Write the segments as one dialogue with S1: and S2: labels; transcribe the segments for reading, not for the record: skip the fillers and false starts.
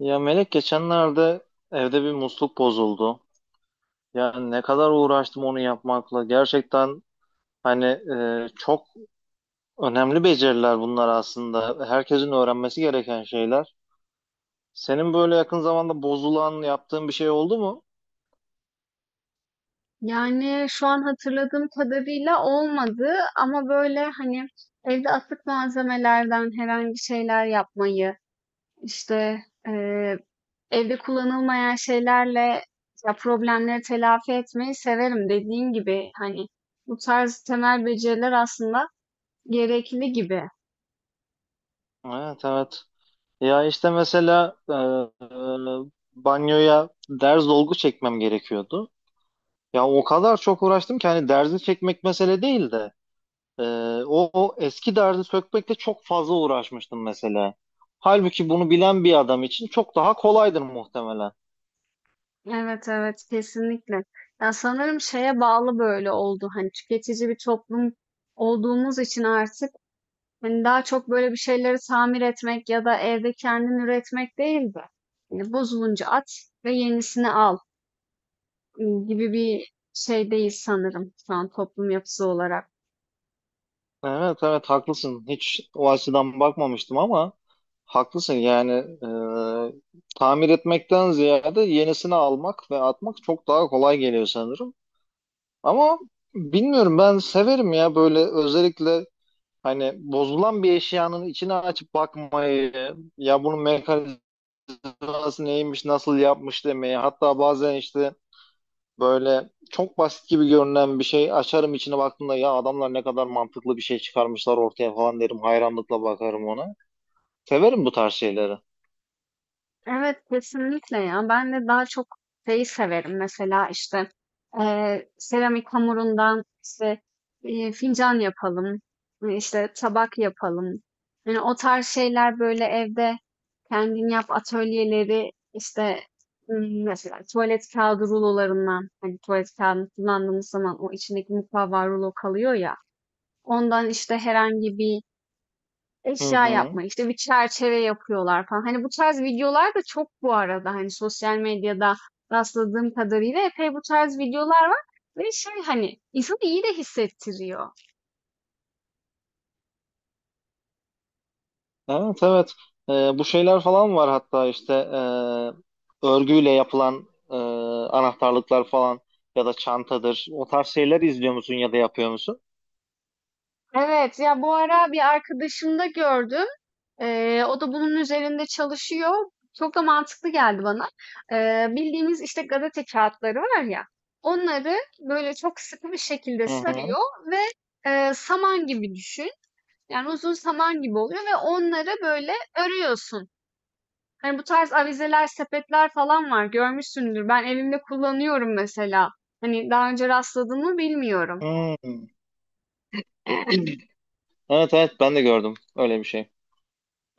S1: Ya Melek geçenlerde evde bir musluk bozuldu. Yani ne kadar uğraştım onu yapmakla. Gerçekten hani çok önemli beceriler bunlar aslında. Herkesin öğrenmesi gereken şeyler. Senin böyle yakın zamanda bozulan yaptığın bir şey oldu mu?
S2: Yani şu an hatırladığım kadarıyla olmadı, ama böyle hani evde atık malzemelerden herhangi şeyler yapmayı, işte eee, evde kullanılmayan şeylerle ya problemleri telafi etmeyi severim, dediğin gibi hani bu tarz temel beceriler aslında gerekli gibi.
S1: Evet, evet. Ya işte mesela e, banyoya derz dolgu çekmem gerekiyordu. Ya o kadar çok uğraştım ki hani derzi çekmek mesele değildi. Ee, o eski derdi sökmekle çok fazla uğraşmıştım mesela. Halbuki bunu bilen bir adam için çok daha kolaydır muhtemelen.
S2: Evet evet, kesinlikle. Ya sanırım şeye bağlı böyle oldu, hani tüketici bir toplum olduğumuz için artık. Hani daha çok böyle bir şeyleri tamir etmek ya da evde kendin üretmek değil de hani bozulunca at ve yenisini al gibi bir şey değil sanırım şu an toplum yapısı olarak.
S1: Evet, evet, haklısın. Hiç o açıdan bakmamıştım ama haklısın. Yani tamir etmekten ziyade yenisini almak ve atmak çok daha kolay geliyor sanırım. Ama bilmiyorum, ben severim ya böyle özellikle hani bozulan bir eşyanın içine açıp bakmayı, ya bunun mekanizması hatası neymiş, nasıl yapmış demeyi. Hatta bazen işte böyle çok basit gibi görünen bir şey açarım, içine baktığımda ya adamlar ne kadar mantıklı bir şey çıkarmışlar ortaya falan derim. Hayranlıkla bakarım ona. Severim bu tarz şeyleri.
S2: Evet, kesinlikle ya. Ben de daha çok şeyi severim. Mesela işte seramik hamurundan, işte fincan yapalım, işte tabak yapalım. Yani o tarz şeyler, böyle evde kendin yap atölyeleri, işte mesela tuvalet kağıdı rulolarından, hani tuvalet kağıdını kullandığımız zaman o içindeki mukavva rulo kalıyor ya, ondan işte herhangi bir
S1: Hı
S2: eşya
S1: hı.
S2: yapma, işte bir çerçeve yapıyorlar falan. Hani bu tarz videolar da çok, bu arada hani sosyal medyada rastladığım kadarıyla epey bu tarz videolar var. Ve şey, hani insanı iyi de hissettiriyor.
S1: Evet, evet. Bu şeyler falan var, hatta işte örgüyle yapılan anahtarlıklar falan ya da çantadır. O tarz şeyler izliyor musun ya da yapıyor musun?
S2: Evet ya, bu ara bir arkadaşımda gördüm. O da bunun üzerinde çalışıyor. Çok da mantıklı geldi bana. Bildiğimiz işte gazete kağıtları var ya. Onları böyle çok sıkı bir şekilde
S1: Hı hı.
S2: sarıyor ve saman gibi düşün. Yani uzun saman gibi oluyor ve onları böyle örüyorsun. Hani bu tarz avizeler, sepetler falan var. Görmüşsündür. Ben evimde kullanıyorum mesela. Hani daha önce rastladın mı bilmiyorum.
S1: Hı. Evet, evet, ben de gördüm öyle bir şey.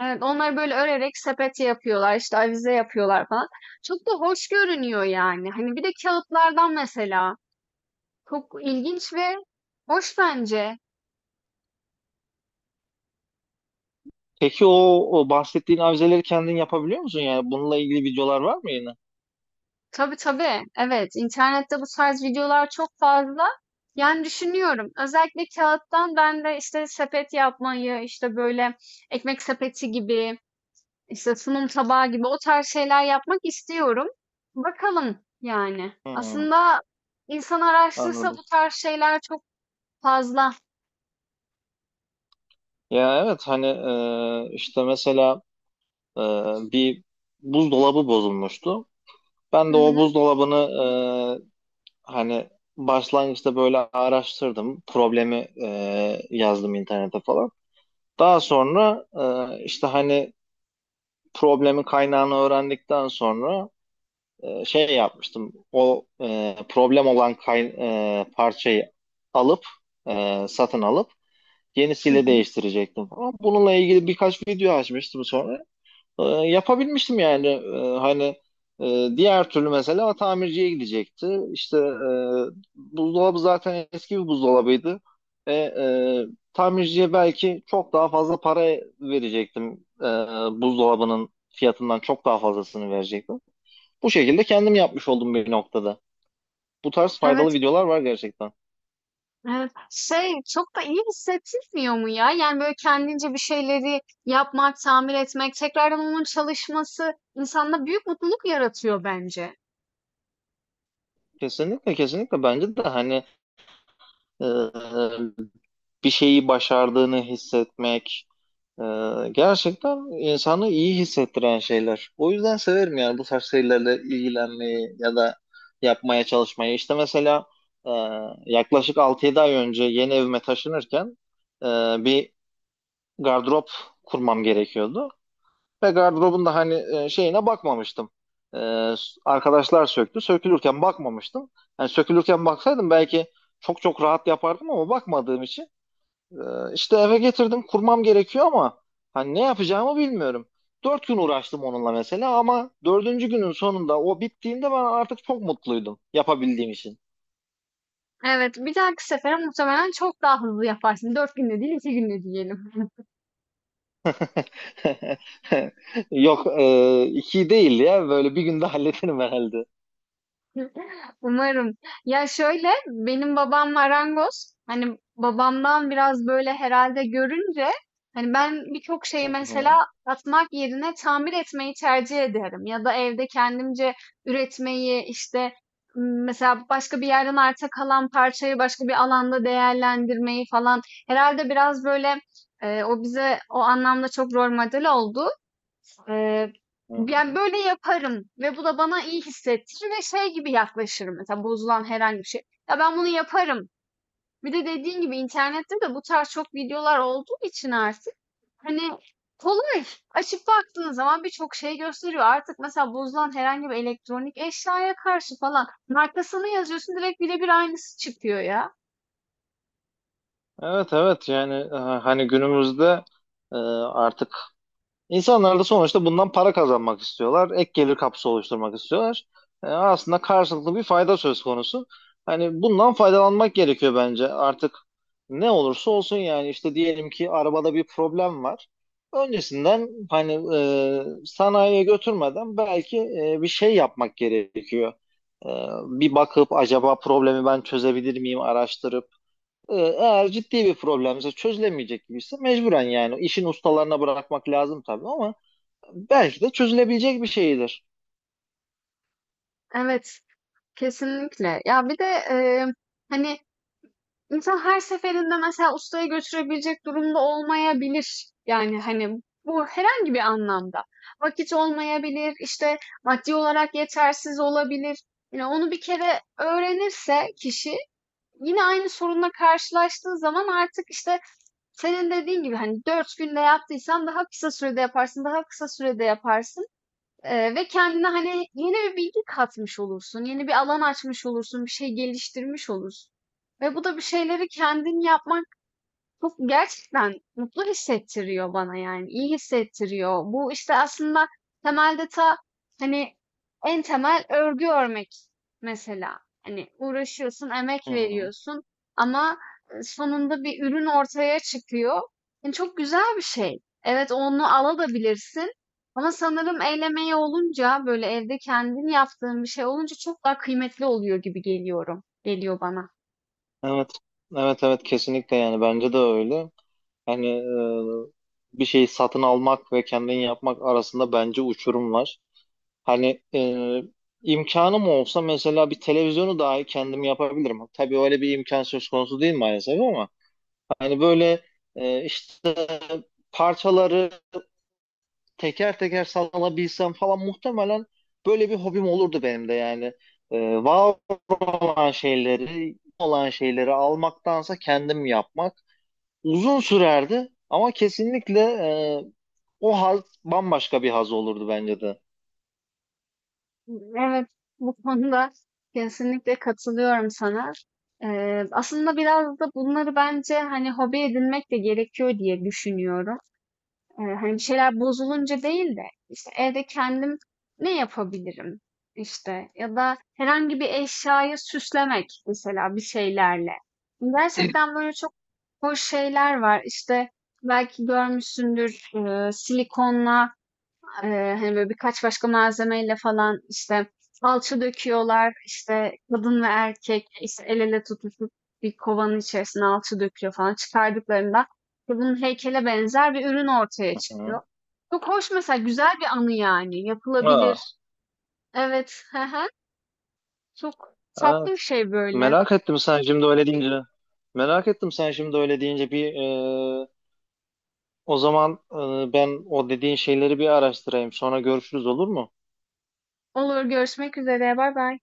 S2: Evet, onları böyle örerek sepet yapıyorlar, işte avize yapıyorlar falan. Çok da hoş görünüyor yani. Hani bir de kağıtlardan mesela. Çok ilginç ve hoş bence.
S1: Peki o bahsettiğin avizeleri kendin yapabiliyor musun? Yani bununla ilgili videolar var mı yine?
S2: Tabii tabii. Evet, internette bu tarz videolar çok fazla. Yani düşünüyorum. Özellikle kağıttan ben de işte sepet yapmayı, işte böyle ekmek sepeti gibi, işte sunum tabağı gibi o tarz şeyler yapmak istiyorum. Bakalım yani.
S1: Hmm,
S2: Aslında insan araştırsa bu
S1: anladım.
S2: tarz şeyler çok fazla.
S1: Ya evet, hani işte mesela e, bir buzdolabı bozulmuştu. Ben
S2: Hı
S1: de o
S2: hı.
S1: buzdolabını hani başlangıçta böyle araştırdım. Problemi e, yazdım internete falan. Daha sonra işte hani problemin kaynağını öğrendikten sonra şey yapmıştım. O problem olan parçayı alıp satın alıp
S2: Hı
S1: yenisiyle
S2: hı.
S1: değiştirecektim falan. Bununla ilgili birkaç video açmıştım sonra. Yapabilmiştim yani. Hani diğer türlü mesela tamirciye gidecekti. İşte buzdolabı zaten eski bir buzdolabıydı. E, e, tamirciye belki çok daha fazla para verecektim. Buzdolabının fiyatından çok daha fazlasını verecektim. Bu şekilde kendim yapmış oldum bir noktada. Bu tarz faydalı
S2: Evet.
S1: videolar var gerçekten.
S2: Evet. Şey, çok da iyi hissettirmiyor mu ya? Yani, böyle, kendince bir şeyleri yapmak, tamir etmek, tekrardan onun çalışması insanda büyük mutluluk yaratıyor bence.
S1: Kesinlikle, kesinlikle bence de hani e, bir şeyi başardığını hissetmek e, gerçekten insanı iyi hissettiren şeyler. O yüzden severim yani bu tarz şeylerle ilgilenmeyi ya da yapmaya çalışmayı. İşte mesela e, yaklaşık altı yedi ay önce yeni evime taşınırken e, bir gardırop kurmam gerekiyordu. Ve gardırobun da hani şeyine bakmamıştım. E, arkadaşlar söktü. Sökülürken bakmamıştım. Yani sökülürken baksaydım belki çok çok rahat yapardım, ama bakmadığım için. E, işte eve getirdim. Kurmam gerekiyor ama hani ne yapacağımı bilmiyorum. Dört gün uğraştım onunla mesela, ama dördüncü günün sonunda o bittiğinde ben artık çok mutluydum yapabildiğim için.
S2: Evet, bir dahaki sefere muhtemelen çok daha hızlı yaparsın. 4 günde değil, 2 günde diyelim.
S1: Yok iki değil ya, böyle bir günde hallederim herhalde.
S2: Umarım. Ya şöyle, benim babam marangoz. Hani babamdan biraz böyle herhalde görünce hani ben birçok şeyi
S1: Hı
S2: mesela
S1: hı,
S2: atmak yerine tamir etmeyi tercih ederim. Ya da evde kendimce üretmeyi, işte mesela başka bir yerden arta kalan parçayı başka bir alanda değerlendirmeyi falan. Herhalde biraz böyle o bize o anlamda çok rol model oldu. Eee,
S1: hı
S2: Yani
S1: hı.
S2: böyle yaparım ve bu da bana iyi hissettirir ve şey gibi yaklaşırım, mesela bozulan herhangi bir şey. Ya ben bunu yaparım. Bir de dediğin gibi internette de bu tarz çok videolar olduğu için artık hani kolay. Açıp baktığın zaman birçok şey gösteriyor. Artık mesela bozulan herhangi bir elektronik eşyaya karşı falan markasını yazıyorsun, direkt birebir aynısı çıkıyor ya.
S1: Evet, evet, yani hani günümüzde artık insanlar da sonuçta bundan para kazanmak istiyorlar. Ek gelir kapısı oluşturmak istiyorlar. Aslında karşılıklı bir fayda söz konusu. Hani bundan faydalanmak gerekiyor bence. Artık ne olursa olsun yani işte diyelim ki arabada bir problem var. Öncesinden hani sanayiye götürmeden belki bir şey yapmak gerekiyor. E, bir bakıp acaba problemi ben çözebilir miyim araştırıp, eğer ciddi bir problemse çözülemeyecek gibiyse mecburen yani işin ustalarına bırakmak lazım tabii, ama belki de çözülebilecek bir şeydir.
S2: Evet, kesinlikle. Ya bir de hani İnsan her seferinde mesela ustaya götürebilecek durumda olmayabilir. Yani hani bu herhangi bir anlamda. Vakit olmayabilir, işte maddi olarak yetersiz olabilir. Yani onu bir kere öğrenirse kişi, yine aynı sorunla karşılaştığı zaman, artık işte senin dediğin gibi hani 4 günde yaptıysan daha kısa sürede yaparsın, daha kısa sürede yaparsın. Ve kendine hani yeni bir bilgi katmış olursun, yeni bir alan açmış olursun, bir şey geliştirmiş olursun. Ve bu da bir şeyleri kendin yapman çok gerçekten mutlu hissettiriyor bana yani, iyi hissettiriyor. Bu işte aslında temelde ta hani en temel örgü örmek mesela. Hani uğraşıyorsun, emek
S1: Hı hı.
S2: veriyorsun ama sonunda bir ürün ortaya çıkıyor. Yani çok güzel bir şey. Evet, onu alabilirsin ama sanırım el emeği olunca, böyle evde kendin yaptığın bir şey olunca çok daha kıymetli oluyor gibi geliyorum. Geliyor bana.
S1: Evet. Evet, evet, kesinlikle yani bence de öyle. Hani bir şeyi satın almak ve kendin yapmak arasında bence uçurum var. Hani imkanım olsa mesela bir televizyonu dahi kendim yapabilirim. Tabii öyle bir imkan söz konusu değil maalesef, ama hani böyle işte parçaları teker teker sallanabilsem falan muhtemelen böyle bir hobim olurdu benim de yani. Var olan şeyleri almaktansa kendim yapmak uzun sürerdi, ama kesinlikle o haz bambaşka bir haz olurdu bence de.
S2: Evet, bu konuda kesinlikle katılıyorum sana. Aslında biraz da bunları bence hani hobi edinmek de gerekiyor diye düşünüyorum. Hani bir şeyler bozulunca değil de işte evde kendim ne yapabilirim, işte ya da herhangi bir eşyayı süslemek mesela bir şeylerle. Gerçekten böyle çok hoş şeyler var. İşte belki görmüşsündür, silikonla hani, böyle, birkaç başka malzemeyle falan, işte, salça döküyorlar, işte, kadın ve erkek, işte, el ele tutuşup bir kovanın içerisine alçı döküyor falan. Çıkardıklarında kadının heykele benzer bir ürün ortaya
S1: Hı.
S2: çıkıyor. Çok hoş mesela, güzel bir anı yani.
S1: Aa,
S2: Yapılabilir. Evet. Hı hı. Çok tatlı
S1: evet.
S2: bir şey böyle.
S1: Merak ettim sen şimdi öyle deyince. Merak ettim sen şimdi öyle deyince bir e, o zaman ben o dediğin şeyleri bir araştırayım. Sonra görüşürüz, olur mu?
S2: Olur, görüşmek üzere. Bay bay.